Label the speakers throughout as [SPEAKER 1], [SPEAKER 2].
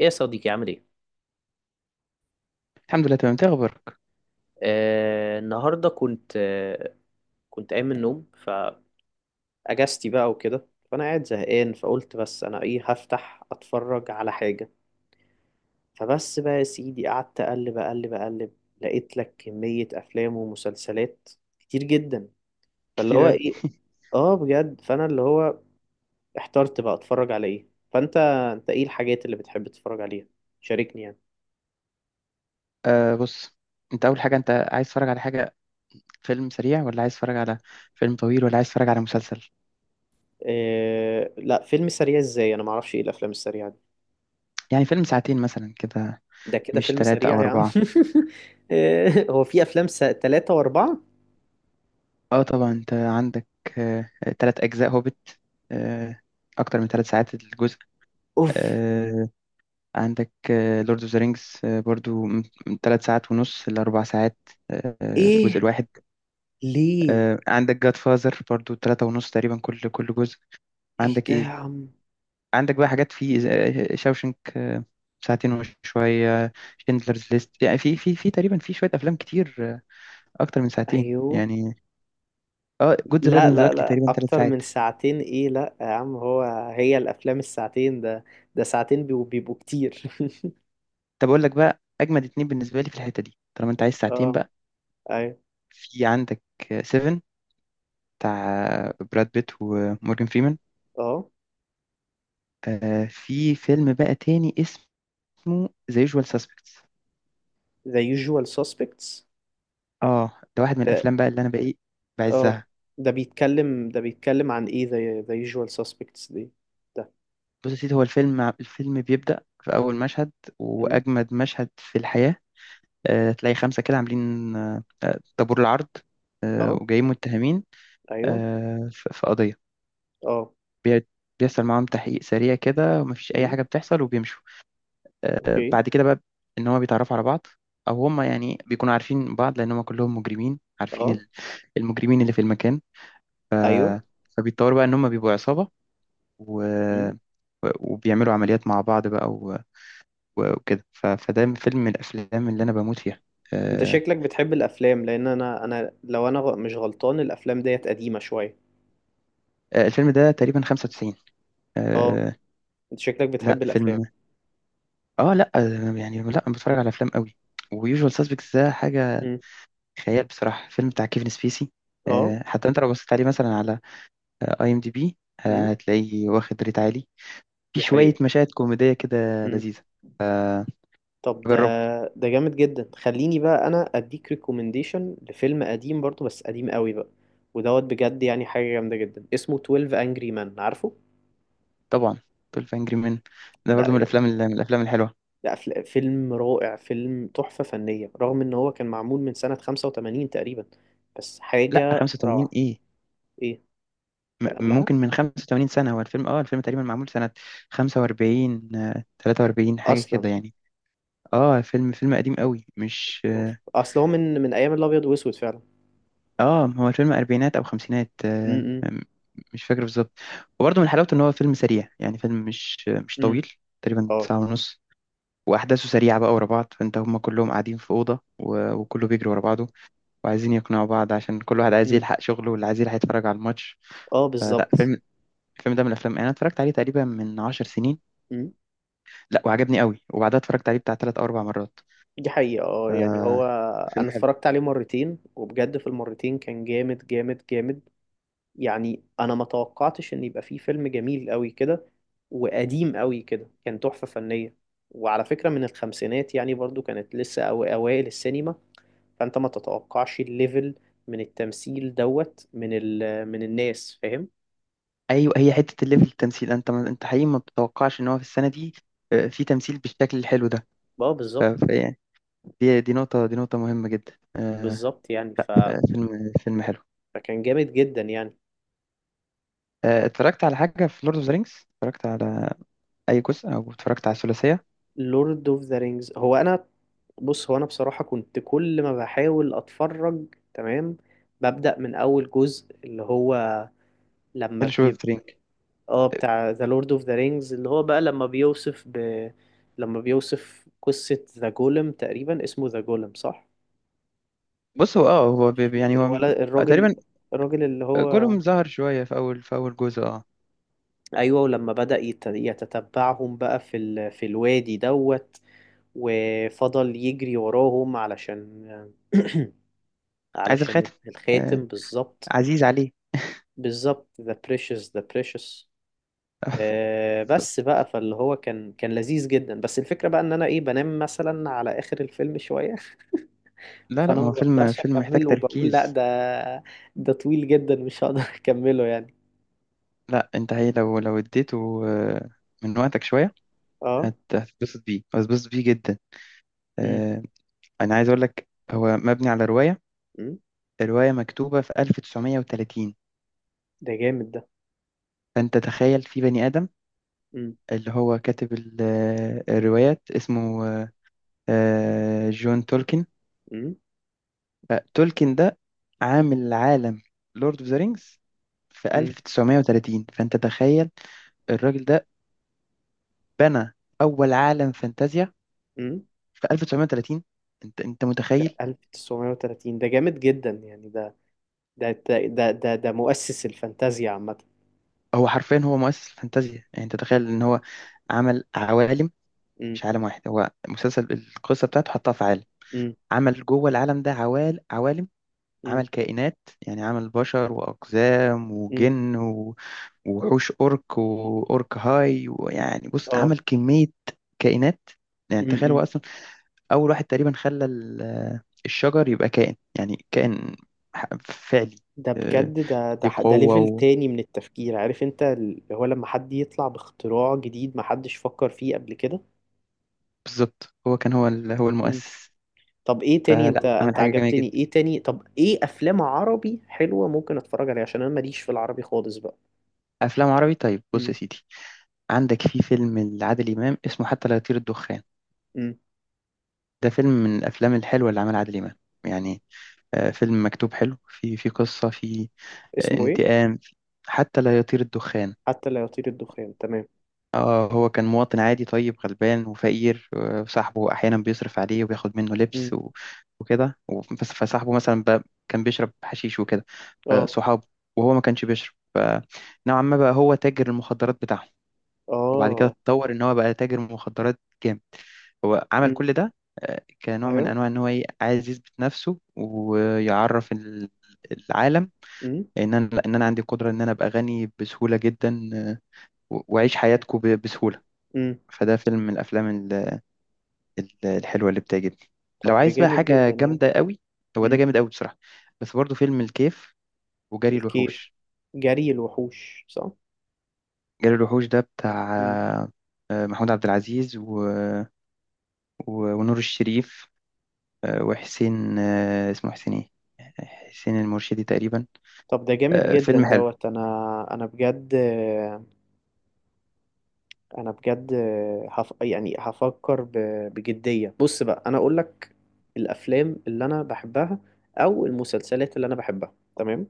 [SPEAKER 1] ايه يا صديقي؟ عامل ايه؟
[SPEAKER 2] الحمد لله تمام، انت ايه اخبارك؟
[SPEAKER 1] النهارده كنت قايم من النوم، فاجازتي بقى وكده، فانا قاعد زهقان فقلت بس انا ايه هفتح اتفرج على حاجه. فبس بقى يا سيدي قعدت اقلب اقلب اقلب، لقيت لك كميه افلام ومسلسلات كتير جدا. فاللي
[SPEAKER 2] كتير
[SPEAKER 1] هو
[SPEAKER 2] قوي.
[SPEAKER 1] ايه؟ اه بجد، فانا اللي هو احترت بقى اتفرج على ايه. فانت انت ايه الحاجات اللي بتحب تتفرج عليها؟ شاركني يعني.
[SPEAKER 2] بص، انت اول حاجه، انت عايز تتفرج على حاجه فيلم سريع، ولا عايز تتفرج على فيلم طويل، ولا عايز تتفرج على مسلسل؟
[SPEAKER 1] آه لا، فيلم سريع ازاي؟ انا معرفش ايه الافلام السريعه دي.
[SPEAKER 2] يعني فيلم ساعتين مثلا كده.
[SPEAKER 1] ده كده
[SPEAKER 2] مش
[SPEAKER 1] فيلم
[SPEAKER 2] ثلاثة
[SPEAKER 1] سريع
[SPEAKER 2] او
[SPEAKER 1] يا عم؟
[SPEAKER 2] اربعة؟
[SPEAKER 1] هو في افلام س... تلاتة واربعة؟
[SPEAKER 2] اه طبعا، انت عندك آه 3 اجزاء هوبت، آه اكتر من 3 ساعات الجزء.
[SPEAKER 1] اوف.
[SPEAKER 2] آه عندك لورد اوف ذا رينجز، برضو من ثلاث ساعات ونص لاربع ساعات، الجزء
[SPEAKER 1] ايه؟
[SPEAKER 2] الواحد.
[SPEAKER 1] ليه؟
[SPEAKER 2] عندك جاد فازر برضو ثلاثة ونص تقريبا كل جزء.
[SPEAKER 1] ايه
[SPEAKER 2] عندك
[SPEAKER 1] ده يا
[SPEAKER 2] ايه،
[SPEAKER 1] عم؟
[SPEAKER 2] عندك بقى حاجات في شاوشنك، ساعتين وشوية، شندلرز ليست، يعني في تقريبا في شوية أفلام كتير، أكتر من ساعتين
[SPEAKER 1] ايوه.
[SPEAKER 2] يعني. اه جود ذا باد
[SPEAKER 1] لا
[SPEAKER 2] أند ذا
[SPEAKER 1] لا لا
[SPEAKER 2] تقريبا ثلاث
[SPEAKER 1] اكتر من
[SPEAKER 2] ساعات
[SPEAKER 1] ساعتين؟ ايه؟ لا يا عم، هي الافلام الساعتين ده، ده ساعتين بيبقوا كتير.
[SPEAKER 2] طب أقول لك بقى أجمد اتنين بالنسبة لي في الحتة دي طالما أنت عايز ساعتين
[SPEAKER 1] اه.
[SPEAKER 2] بقى.
[SPEAKER 1] ايوه.
[SPEAKER 2] في عندك سيفن، بتاع براد بيت ومورجان فريمان.
[SPEAKER 1] اه.
[SPEAKER 2] في فيلم بقى تاني اسمه ذا يوجوال ساسبكتس.
[SPEAKER 1] The Usual Suspects.
[SPEAKER 2] اه ده واحد من
[SPEAKER 1] ده
[SPEAKER 2] الأفلام بقى اللي أنا بقى إيه
[SPEAKER 1] اه،
[SPEAKER 2] بعزها.
[SPEAKER 1] ده بيتكلم، ده بيتكلم عن ايه The Usual Suspects دي؟ ده
[SPEAKER 2] بص يا سيدي، هو الفيلم بيبدأ في أول مشهد،
[SPEAKER 1] أمم،
[SPEAKER 2] وأجمد مشهد في الحياة. تلاقي خمسة كده عاملين طابور العرض،
[SPEAKER 1] اه.
[SPEAKER 2] وجايين متهمين
[SPEAKER 1] ايوه.
[SPEAKER 2] في قضية.
[SPEAKER 1] اه
[SPEAKER 2] بي- بيحصل معاهم تحقيق سريع كده، ومفيش أي
[SPEAKER 1] أمم،
[SPEAKER 2] حاجة بتحصل وبيمشوا.
[SPEAKER 1] اوكي.
[SPEAKER 2] بعد كده بقى إن هما بيتعرفوا على بعض. أو هما يعني بيكونوا عارفين بعض، لأن هما كلهم مجرمين عارفين
[SPEAKER 1] اه.
[SPEAKER 2] المجرمين اللي في المكان.
[SPEAKER 1] ايوه.
[SPEAKER 2] فبيتطوروا بقى إن هما بيبقوا عصابة، و...
[SPEAKER 1] مم.
[SPEAKER 2] وبيعملوا عمليات مع بعض بقى وكده. ف- فده فيلم من الافلام اللي انا بموت فيها.
[SPEAKER 1] انت
[SPEAKER 2] آه،
[SPEAKER 1] شكلك بتحب الافلام، لان انا لو انا مش غلطان الافلام ديت قديمه شويه.
[SPEAKER 2] الفيلم ده تقريبا 95.
[SPEAKER 1] اه.
[SPEAKER 2] آه،
[SPEAKER 1] انت شكلك
[SPEAKER 2] لا
[SPEAKER 1] بتحب الافلام.
[SPEAKER 2] فيلم، اه لا، يعني لا، أنا بتفرج على افلام قوي. ويوجوال سسبكتس ده حاجه
[SPEAKER 1] مم.
[SPEAKER 2] خيال بصراحه، فيلم بتاع كيفن سبيسي.
[SPEAKER 1] اه.
[SPEAKER 2] حتى انت لو بصيت عليه مثلا على اي ام دي بي،
[SPEAKER 1] مم.
[SPEAKER 2] هتلاقيه واخد ريت عالي. في
[SPEAKER 1] دي
[SPEAKER 2] شويه
[SPEAKER 1] حقيقه.
[SPEAKER 2] مشاهد كوميديه كده
[SPEAKER 1] مم.
[SPEAKER 2] لذيذه. آه،
[SPEAKER 1] طب ده،
[SPEAKER 2] جربه.
[SPEAKER 1] ده جامد جدا. خليني بقى انا اديك ريكومنديشن لفيلم قديم برضو، بس قديم قوي بقى، ودوت بجد يعني حاجه جامده جدا، اسمه 12 انجري مان، عارفه؟
[SPEAKER 2] طبعا، 12 انجري مان ده
[SPEAKER 1] ده
[SPEAKER 2] برضو من
[SPEAKER 1] يعني
[SPEAKER 2] الافلام الحلوه.
[SPEAKER 1] ده فيلم رائع، فيلم تحفه فنيه، رغم ان هو كان معمول من سنه 85 تقريبا، بس
[SPEAKER 2] لا
[SPEAKER 1] حاجه
[SPEAKER 2] 85
[SPEAKER 1] روعه.
[SPEAKER 2] ايه؟
[SPEAKER 1] ايه؟ كان قبلها
[SPEAKER 2] ممكن من 85 سنة هو الفيلم، اه الفيلم تقريبا معمول سنة 45، 43 حاجة
[SPEAKER 1] اصلا.
[SPEAKER 2] كده يعني. اه فيلم قديم قوي، مش
[SPEAKER 1] أوف.
[SPEAKER 2] اه.
[SPEAKER 1] اصل هو من ايام الابيض واسود فعلا.
[SPEAKER 2] هو الفيلم أربعينات أو خمسينات،
[SPEAKER 1] امم
[SPEAKER 2] مش فاكر بالظبط. وبرضه من حلاوته إن هو فيلم سريع، يعني فيلم مش
[SPEAKER 1] امم
[SPEAKER 2] طويل، تقريبا
[SPEAKER 1] اه.
[SPEAKER 2] ساعة ونص. وأحداثه سريعة بقى ورا بعض، فأنت هما كلهم قاعدين في أوضة، و- وكله بيجري ورا بعضه وعايزين يقنعوا بعض عشان كل واحد عايز
[SPEAKER 1] امم.
[SPEAKER 2] يلحق شغله، واللي عايز يلحق يتفرج على الماتش.
[SPEAKER 1] اه
[SPEAKER 2] فلا
[SPEAKER 1] بالظبط.
[SPEAKER 2] فيلم الفيلم ده من الأفلام، يعني أنا اتفرجت عليه تقريبا من 10 سنين.
[SPEAKER 1] امم.
[SPEAKER 2] لا وعجبني قوي، وبعدها اتفرجت عليه بتاع 3 او 4 مرات.
[SPEAKER 1] دي حقيقة. اه يعني
[SPEAKER 2] آه
[SPEAKER 1] هو
[SPEAKER 2] فيلم
[SPEAKER 1] انا
[SPEAKER 2] حلو.
[SPEAKER 1] اتفرجت عليه مرتين، وبجد في المرتين كان جامد جامد جامد. يعني انا ما توقعتش ان يبقى فيه فيلم جميل قوي كده وقديم قوي كده، كان تحفة فنية. وعلى فكرة من الخمسينات يعني، برضو كانت لسه أو اوائل السينما، فانت ما تتوقعش الليفل من التمثيل، دوت من ال من الناس، فاهم؟
[SPEAKER 2] ايوه، هي حته الليفل التمثيل، انت ما انت حقيقي ما بتتوقعش ان هو في السنه دي في تمثيل بالشكل الحلو ده.
[SPEAKER 1] اه
[SPEAKER 2] ف-
[SPEAKER 1] بالظبط.
[SPEAKER 2] فيعني دي نقطه مهمه جدا.
[SPEAKER 1] بالظبط يعني ف...
[SPEAKER 2] فيلم حلو.
[SPEAKER 1] فكان جامد جدا يعني.
[SPEAKER 2] اتفرجت على حاجه في لورد اوف ذا رينجز؟ اتفرجت على اي جزء، او اتفرجت على الثلاثيه؟
[SPEAKER 1] لورد اوف ذا رينجز، هو انا، بص هو انا بصراحة كنت كل ما بحاول اتفرج، تمام، ببدأ من اول جزء اللي هو، لما
[SPEAKER 2] فيلوشيب اوف
[SPEAKER 1] بيبقى،
[SPEAKER 2] ذا؟
[SPEAKER 1] اه بتاع ذا لورد اوف ذا رينجز، اللي هو بقى لما بيوصف ب... لما بيوصف قصة ذا جولم، تقريبا اسمه ذا جولم، صح؟
[SPEAKER 2] بص هو هو يعني هو
[SPEAKER 1] الولد الراجل،
[SPEAKER 2] تقريبا.
[SPEAKER 1] الراجل اللي هو.
[SPEAKER 2] جولهم ظهر شويه في اول جزء، اه.
[SPEAKER 1] ايوه، ولما بدأ يتتبعهم بقى في ال... في الوادي دوت، وفضل يجري وراهم علشان
[SPEAKER 2] عايز
[SPEAKER 1] علشان
[SPEAKER 2] الخاتم، آه
[SPEAKER 1] الخاتم بالظبط.
[SPEAKER 2] عزيز عليه.
[SPEAKER 1] بالظبط، the precious the precious. آه بس بقى، فاللي هو كان كان لذيذ جدا، بس الفكرة بقى ان انا ايه، بنام مثلا على اخر الفيلم شوية.
[SPEAKER 2] لا لا،
[SPEAKER 1] فانا
[SPEAKER 2] ما
[SPEAKER 1] ما
[SPEAKER 2] هو فيلم،
[SPEAKER 1] بقدرش
[SPEAKER 2] محتاج
[SPEAKER 1] اكمله وبقول لا،
[SPEAKER 2] تركيز.
[SPEAKER 1] ده ده طويل جدا، مش هقدر اكمله يعني.
[SPEAKER 2] لا انت، هي لو اديته من وقتك شوية،
[SPEAKER 1] اه.
[SPEAKER 2] هتتبسط بيه جدا.
[SPEAKER 1] امم.
[SPEAKER 2] آه، انا عايز اقول لك هو مبني على رواية.
[SPEAKER 1] امم.
[SPEAKER 2] الرواية مكتوبة في 1930.
[SPEAKER 1] ده جامد ده.
[SPEAKER 2] فانت تخيل في بني آدم
[SPEAKER 1] امم.
[SPEAKER 2] اللي هو كاتب الروايات اسمه جون تولكن.
[SPEAKER 1] امم
[SPEAKER 2] تولكن ده عامل عالم لورد اوف ذا رينجز في
[SPEAKER 1] امم،
[SPEAKER 2] 1930. فانت تخيل الراجل ده بنى اول عالم فانتازيا
[SPEAKER 1] امم.
[SPEAKER 2] في 1930. انت
[SPEAKER 1] ده
[SPEAKER 2] متخيل؟
[SPEAKER 1] 1930 ده جامد جدا يعني. ده ده مؤسس الفانتازيا عامة.
[SPEAKER 2] هو حرفيا هو مؤسس الفانتازيا. يعني انت تخيل ان هو عمل عوالم،
[SPEAKER 1] امم.
[SPEAKER 2] مش عالم واحد. هو مسلسل، القصه بتاعته حطها في عالم.
[SPEAKER 1] امم.
[SPEAKER 2] عمل جوه العالم ده عوالم.
[SPEAKER 1] امم.
[SPEAKER 2] عمل كائنات، يعني عمل بشر واقزام
[SPEAKER 1] امم.
[SPEAKER 2] وجن و- ووحوش، اورك واورك هاي، ويعني بص
[SPEAKER 1] اه.
[SPEAKER 2] عمل كميه كائنات. يعني
[SPEAKER 1] امم.
[SPEAKER 2] تخيل هو
[SPEAKER 1] امم.
[SPEAKER 2] اصلا اول واحد تقريبا خلى الشجر يبقى كائن، يعني كائن فعلي.
[SPEAKER 1] ده
[SPEAKER 2] آه،
[SPEAKER 1] بجد، ده ده
[SPEAKER 2] ليه
[SPEAKER 1] ده ليفل
[SPEAKER 2] قوه.
[SPEAKER 1] تاني من التفكير، عارف انت اللي هو لما حد يطلع باختراع جديد ما حدش فكر فيه قبل كده.
[SPEAKER 2] بالظبط، هو كان هو
[SPEAKER 1] امم.
[SPEAKER 2] المؤسس.
[SPEAKER 1] طب ايه تاني؟
[SPEAKER 2] فلا
[SPEAKER 1] انت
[SPEAKER 2] مم. عمل
[SPEAKER 1] انت
[SPEAKER 2] حاجة جميلة
[SPEAKER 1] عجبتني
[SPEAKER 2] جدا.
[SPEAKER 1] ايه تاني؟ طب ايه افلام عربي حلوة ممكن اتفرج عليها، عشان انا ماليش في العربي خالص بقى.
[SPEAKER 2] أفلام عربي؟ طيب بص
[SPEAKER 1] امم.
[SPEAKER 2] يا سيدي، عندك في فيلم لعادل إمام اسمه حتى لا يطير الدخان.
[SPEAKER 1] امم.
[SPEAKER 2] ده فيلم من الأفلام الحلوة اللي عملها عادل إمام، يعني فيلم مكتوب حلو، في قصة في
[SPEAKER 1] اسمه ايه؟
[SPEAKER 2] انتقام. حتى لا يطير الدخان.
[SPEAKER 1] حتى لا يطير الدخان، تمام.
[SPEAKER 2] اه هو كان مواطن عادي طيب غلبان وفقير، وصاحبه احيانا بيصرف عليه وبياخد منه لبس
[SPEAKER 1] امم.
[SPEAKER 2] وكده. فصاحبه مثلا كان بيشرب حشيش وكده،
[SPEAKER 1] اه.
[SPEAKER 2] صحابه. وهو ما كانش بيشرب، فنوعا ما بقى هو تاجر المخدرات بتاعهم. وبعد كده
[SPEAKER 1] اه.
[SPEAKER 2] اتطور ان هو بقى تاجر مخدرات جامد. هو عمل كل ده كنوع من
[SPEAKER 1] ايوه.
[SPEAKER 2] انواع ان هو ايه عايز يثبت نفسه، ويعرف العالم.
[SPEAKER 1] امم.
[SPEAKER 2] ان انا عندي قدرة ان انا ابقى غني بسهولة جدا، و- واعيش حياتكم بسهولة.
[SPEAKER 1] امم.
[SPEAKER 2] فده فيلم من الافلام الحلوة اللي بتعجبني. لو
[SPEAKER 1] طب ده
[SPEAKER 2] عايز بقى
[SPEAKER 1] جامد
[SPEAKER 2] حاجة
[SPEAKER 1] جدا يعني.
[SPEAKER 2] جامدة قوي، هو ده
[SPEAKER 1] امم.
[SPEAKER 2] جامد قوي بصراحة. بس برضه فيلم الكيف وجري
[SPEAKER 1] الكيف.
[SPEAKER 2] الوحوش.
[SPEAKER 1] جري الوحوش، صح.
[SPEAKER 2] جري الوحوش ده بتاع
[SPEAKER 1] مم.
[SPEAKER 2] محمود عبد العزيز و... و... ونور الشريف، وحسين، اسمه حسين ايه، حسين المرشدي تقريبا.
[SPEAKER 1] طب ده جامد جدا
[SPEAKER 2] فيلم حلو.
[SPEAKER 1] دوت. انا، انا بجد، انا بجد هف... يعني هفكر ب... بجدية. بص بقى انا اقول لك، الافلام اللي انا بحبها او المسلسلات اللي انا بحبها، تمام؟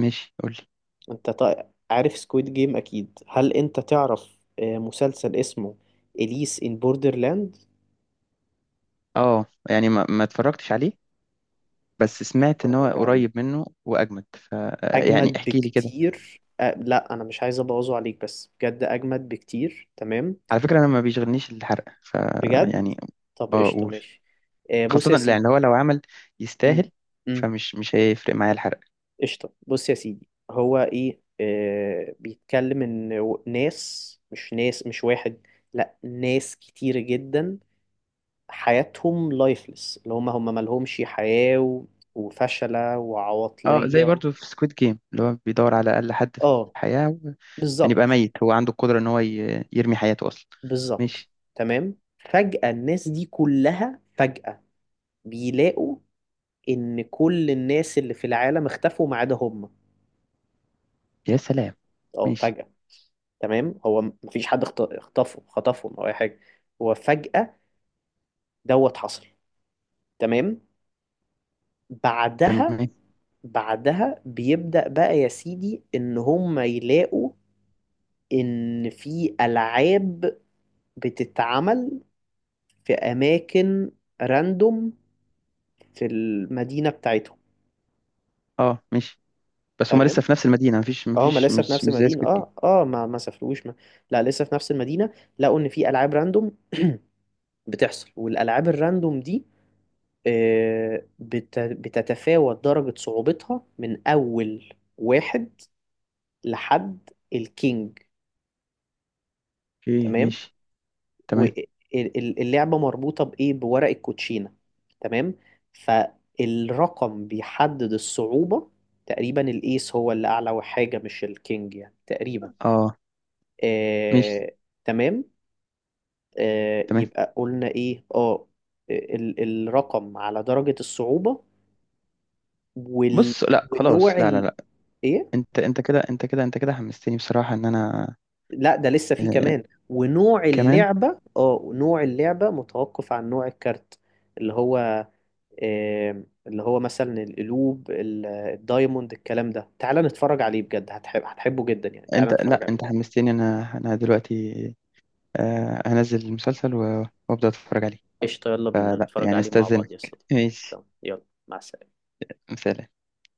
[SPEAKER 2] ماشي قولي.
[SPEAKER 1] انت طيب عارف سكويد جيم اكيد؟ هل انت تعرف آه، مسلسل اسمه اليس ان بوردرلاند؟
[SPEAKER 2] اه يعني ما اتفرجتش عليه، بس سمعت ان هو
[SPEAKER 1] اتفرج عليه،
[SPEAKER 2] قريب منه واجمد. ف آه، يعني
[SPEAKER 1] اجمد
[SPEAKER 2] احكي لي كده.
[SPEAKER 1] بكتير. أه لا انا مش عايز ابوظه عليك، بس بجد اجمد بكتير، تمام.
[SPEAKER 2] على فكره انا ما بيشغلنيش الحرق ف
[SPEAKER 1] بجد.
[SPEAKER 2] يعني.
[SPEAKER 1] طب
[SPEAKER 2] اه
[SPEAKER 1] قشطه،
[SPEAKER 2] قول.
[SPEAKER 1] ماشي. أه بص
[SPEAKER 2] خاصه
[SPEAKER 1] يا
[SPEAKER 2] لان
[SPEAKER 1] سيدي.
[SPEAKER 2] هو لو عمل،
[SPEAKER 1] امم.
[SPEAKER 2] يستاهل.
[SPEAKER 1] امم.
[SPEAKER 2] فمش مش هيفرق معايا الحرق.
[SPEAKER 1] قشطه، بص يا سيدي، هو ايه أه بيتكلم ان ناس، مش واحد، لا، ناس كتير جدا، حياتهم لايفلس، اللي هم مالهمش حياه، و- وفشله
[SPEAKER 2] اه زي
[SPEAKER 1] وعواطليه.
[SPEAKER 2] برضو في سكويد جيم، اللي هو بيدور على اقل حد في
[SPEAKER 1] اه
[SPEAKER 2] الحياه، يعني يبقى
[SPEAKER 1] بالظبط.
[SPEAKER 2] ميت هو عنده القدرة ان هو يرمي حياته اصلا.
[SPEAKER 1] بالظبط.
[SPEAKER 2] ماشي.
[SPEAKER 1] تمام، فجأة الناس دي كلها فجأة بيلاقوا إن كل الناس اللي في العالم اختفوا ما عدا هم.
[SPEAKER 2] يا سلام.
[SPEAKER 1] اه
[SPEAKER 2] ماشي.
[SPEAKER 1] فجأة. تمام، هو مفيش حد اختفوا خطفهم أو أي حاجة، هو فجأة دوت حصل، تمام. بعدها،
[SPEAKER 2] تمام.
[SPEAKER 1] بعدها بيبدأ بقى يا سيدي إن هم يلاقوا إن في ألعاب بتتعمل في أماكن راندوم في المدينة بتاعتهم.
[SPEAKER 2] اه ماشي. بس هما لسه
[SPEAKER 1] تمام.
[SPEAKER 2] في نفس المدينة، مفيش
[SPEAKER 1] اه ما
[SPEAKER 2] مفيش
[SPEAKER 1] لسه في
[SPEAKER 2] مش
[SPEAKER 1] نفس
[SPEAKER 2] مش زي
[SPEAKER 1] المدينة،
[SPEAKER 2] سكوت جيم.
[SPEAKER 1] اه اه ما سافروش ما. لا لسه في نفس المدينة. لقوا ان في العاب راندوم بتحصل، والالعاب الراندوم دي آه، بتتفاوت درجة صعوبتها من اول واحد لحد الكينج.
[SPEAKER 2] اوكي
[SPEAKER 1] تمام.
[SPEAKER 2] ماشي. تمام.
[SPEAKER 1] واللعبة مربوطة بايه، بورق الكوتشينة، تمام. فالرقم بيحدد الصعوبة، تقريبا الايس هو اللي اعلى حاجة مش الكينج يعني تقريبا.
[SPEAKER 2] اه ماشي.
[SPEAKER 1] آه، تمام. آه،
[SPEAKER 2] تمام.
[SPEAKER 1] يبقى قلنا ايه؟ اه، آه، الرقم على درجة الصعوبة، وال...
[SPEAKER 2] بص لا
[SPEAKER 1] ونوع
[SPEAKER 2] خلاص، لا لا
[SPEAKER 1] ال...
[SPEAKER 2] لا.
[SPEAKER 1] ايه؟
[SPEAKER 2] انت كده حمستني بصراحة ان انا،
[SPEAKER 1] لا ده لسه فيه
[SPEAKER 2] آه
[SPEAKER 1] كمان. ونوع
[SPEAKER 2] كمان.
[SPEAKER 1] اللعبة، اه نوع اللعبة متوقف عن نوع الكارت، اللي هو آه، اللي هو مثلا القلوب، الدايموند، الكلام ده. تعال نتفرج عليه بجد، هتحب، هتحبه جدا يعني. تعال
[SPEAKER 2] انت لا،
[SPEAKER 1] نتفرج
[SPEAKER 2] انت
[SPEAKER 1] عليه.
[SPEAKER 2] حمستني. انا دلوقتي هنزل المسلسل و- وابدا اتفرج عليه.
[SPEAKER 1] قشطة، يلا بينا
[SPEAKER 2] فلا
[SPEAKER 1] نتفرج
[SPEAKER 2] يعني
[SPEAKER 1] عليه مع بعض يا
[SPEAKER 2] استاذنك.
[SPEAKER 1] صديقي.
[SPEAKER 2] ماشي،
[SPEAKER 1] تمام يلا، مع السلامة.
[SPEAKER 2] سلام.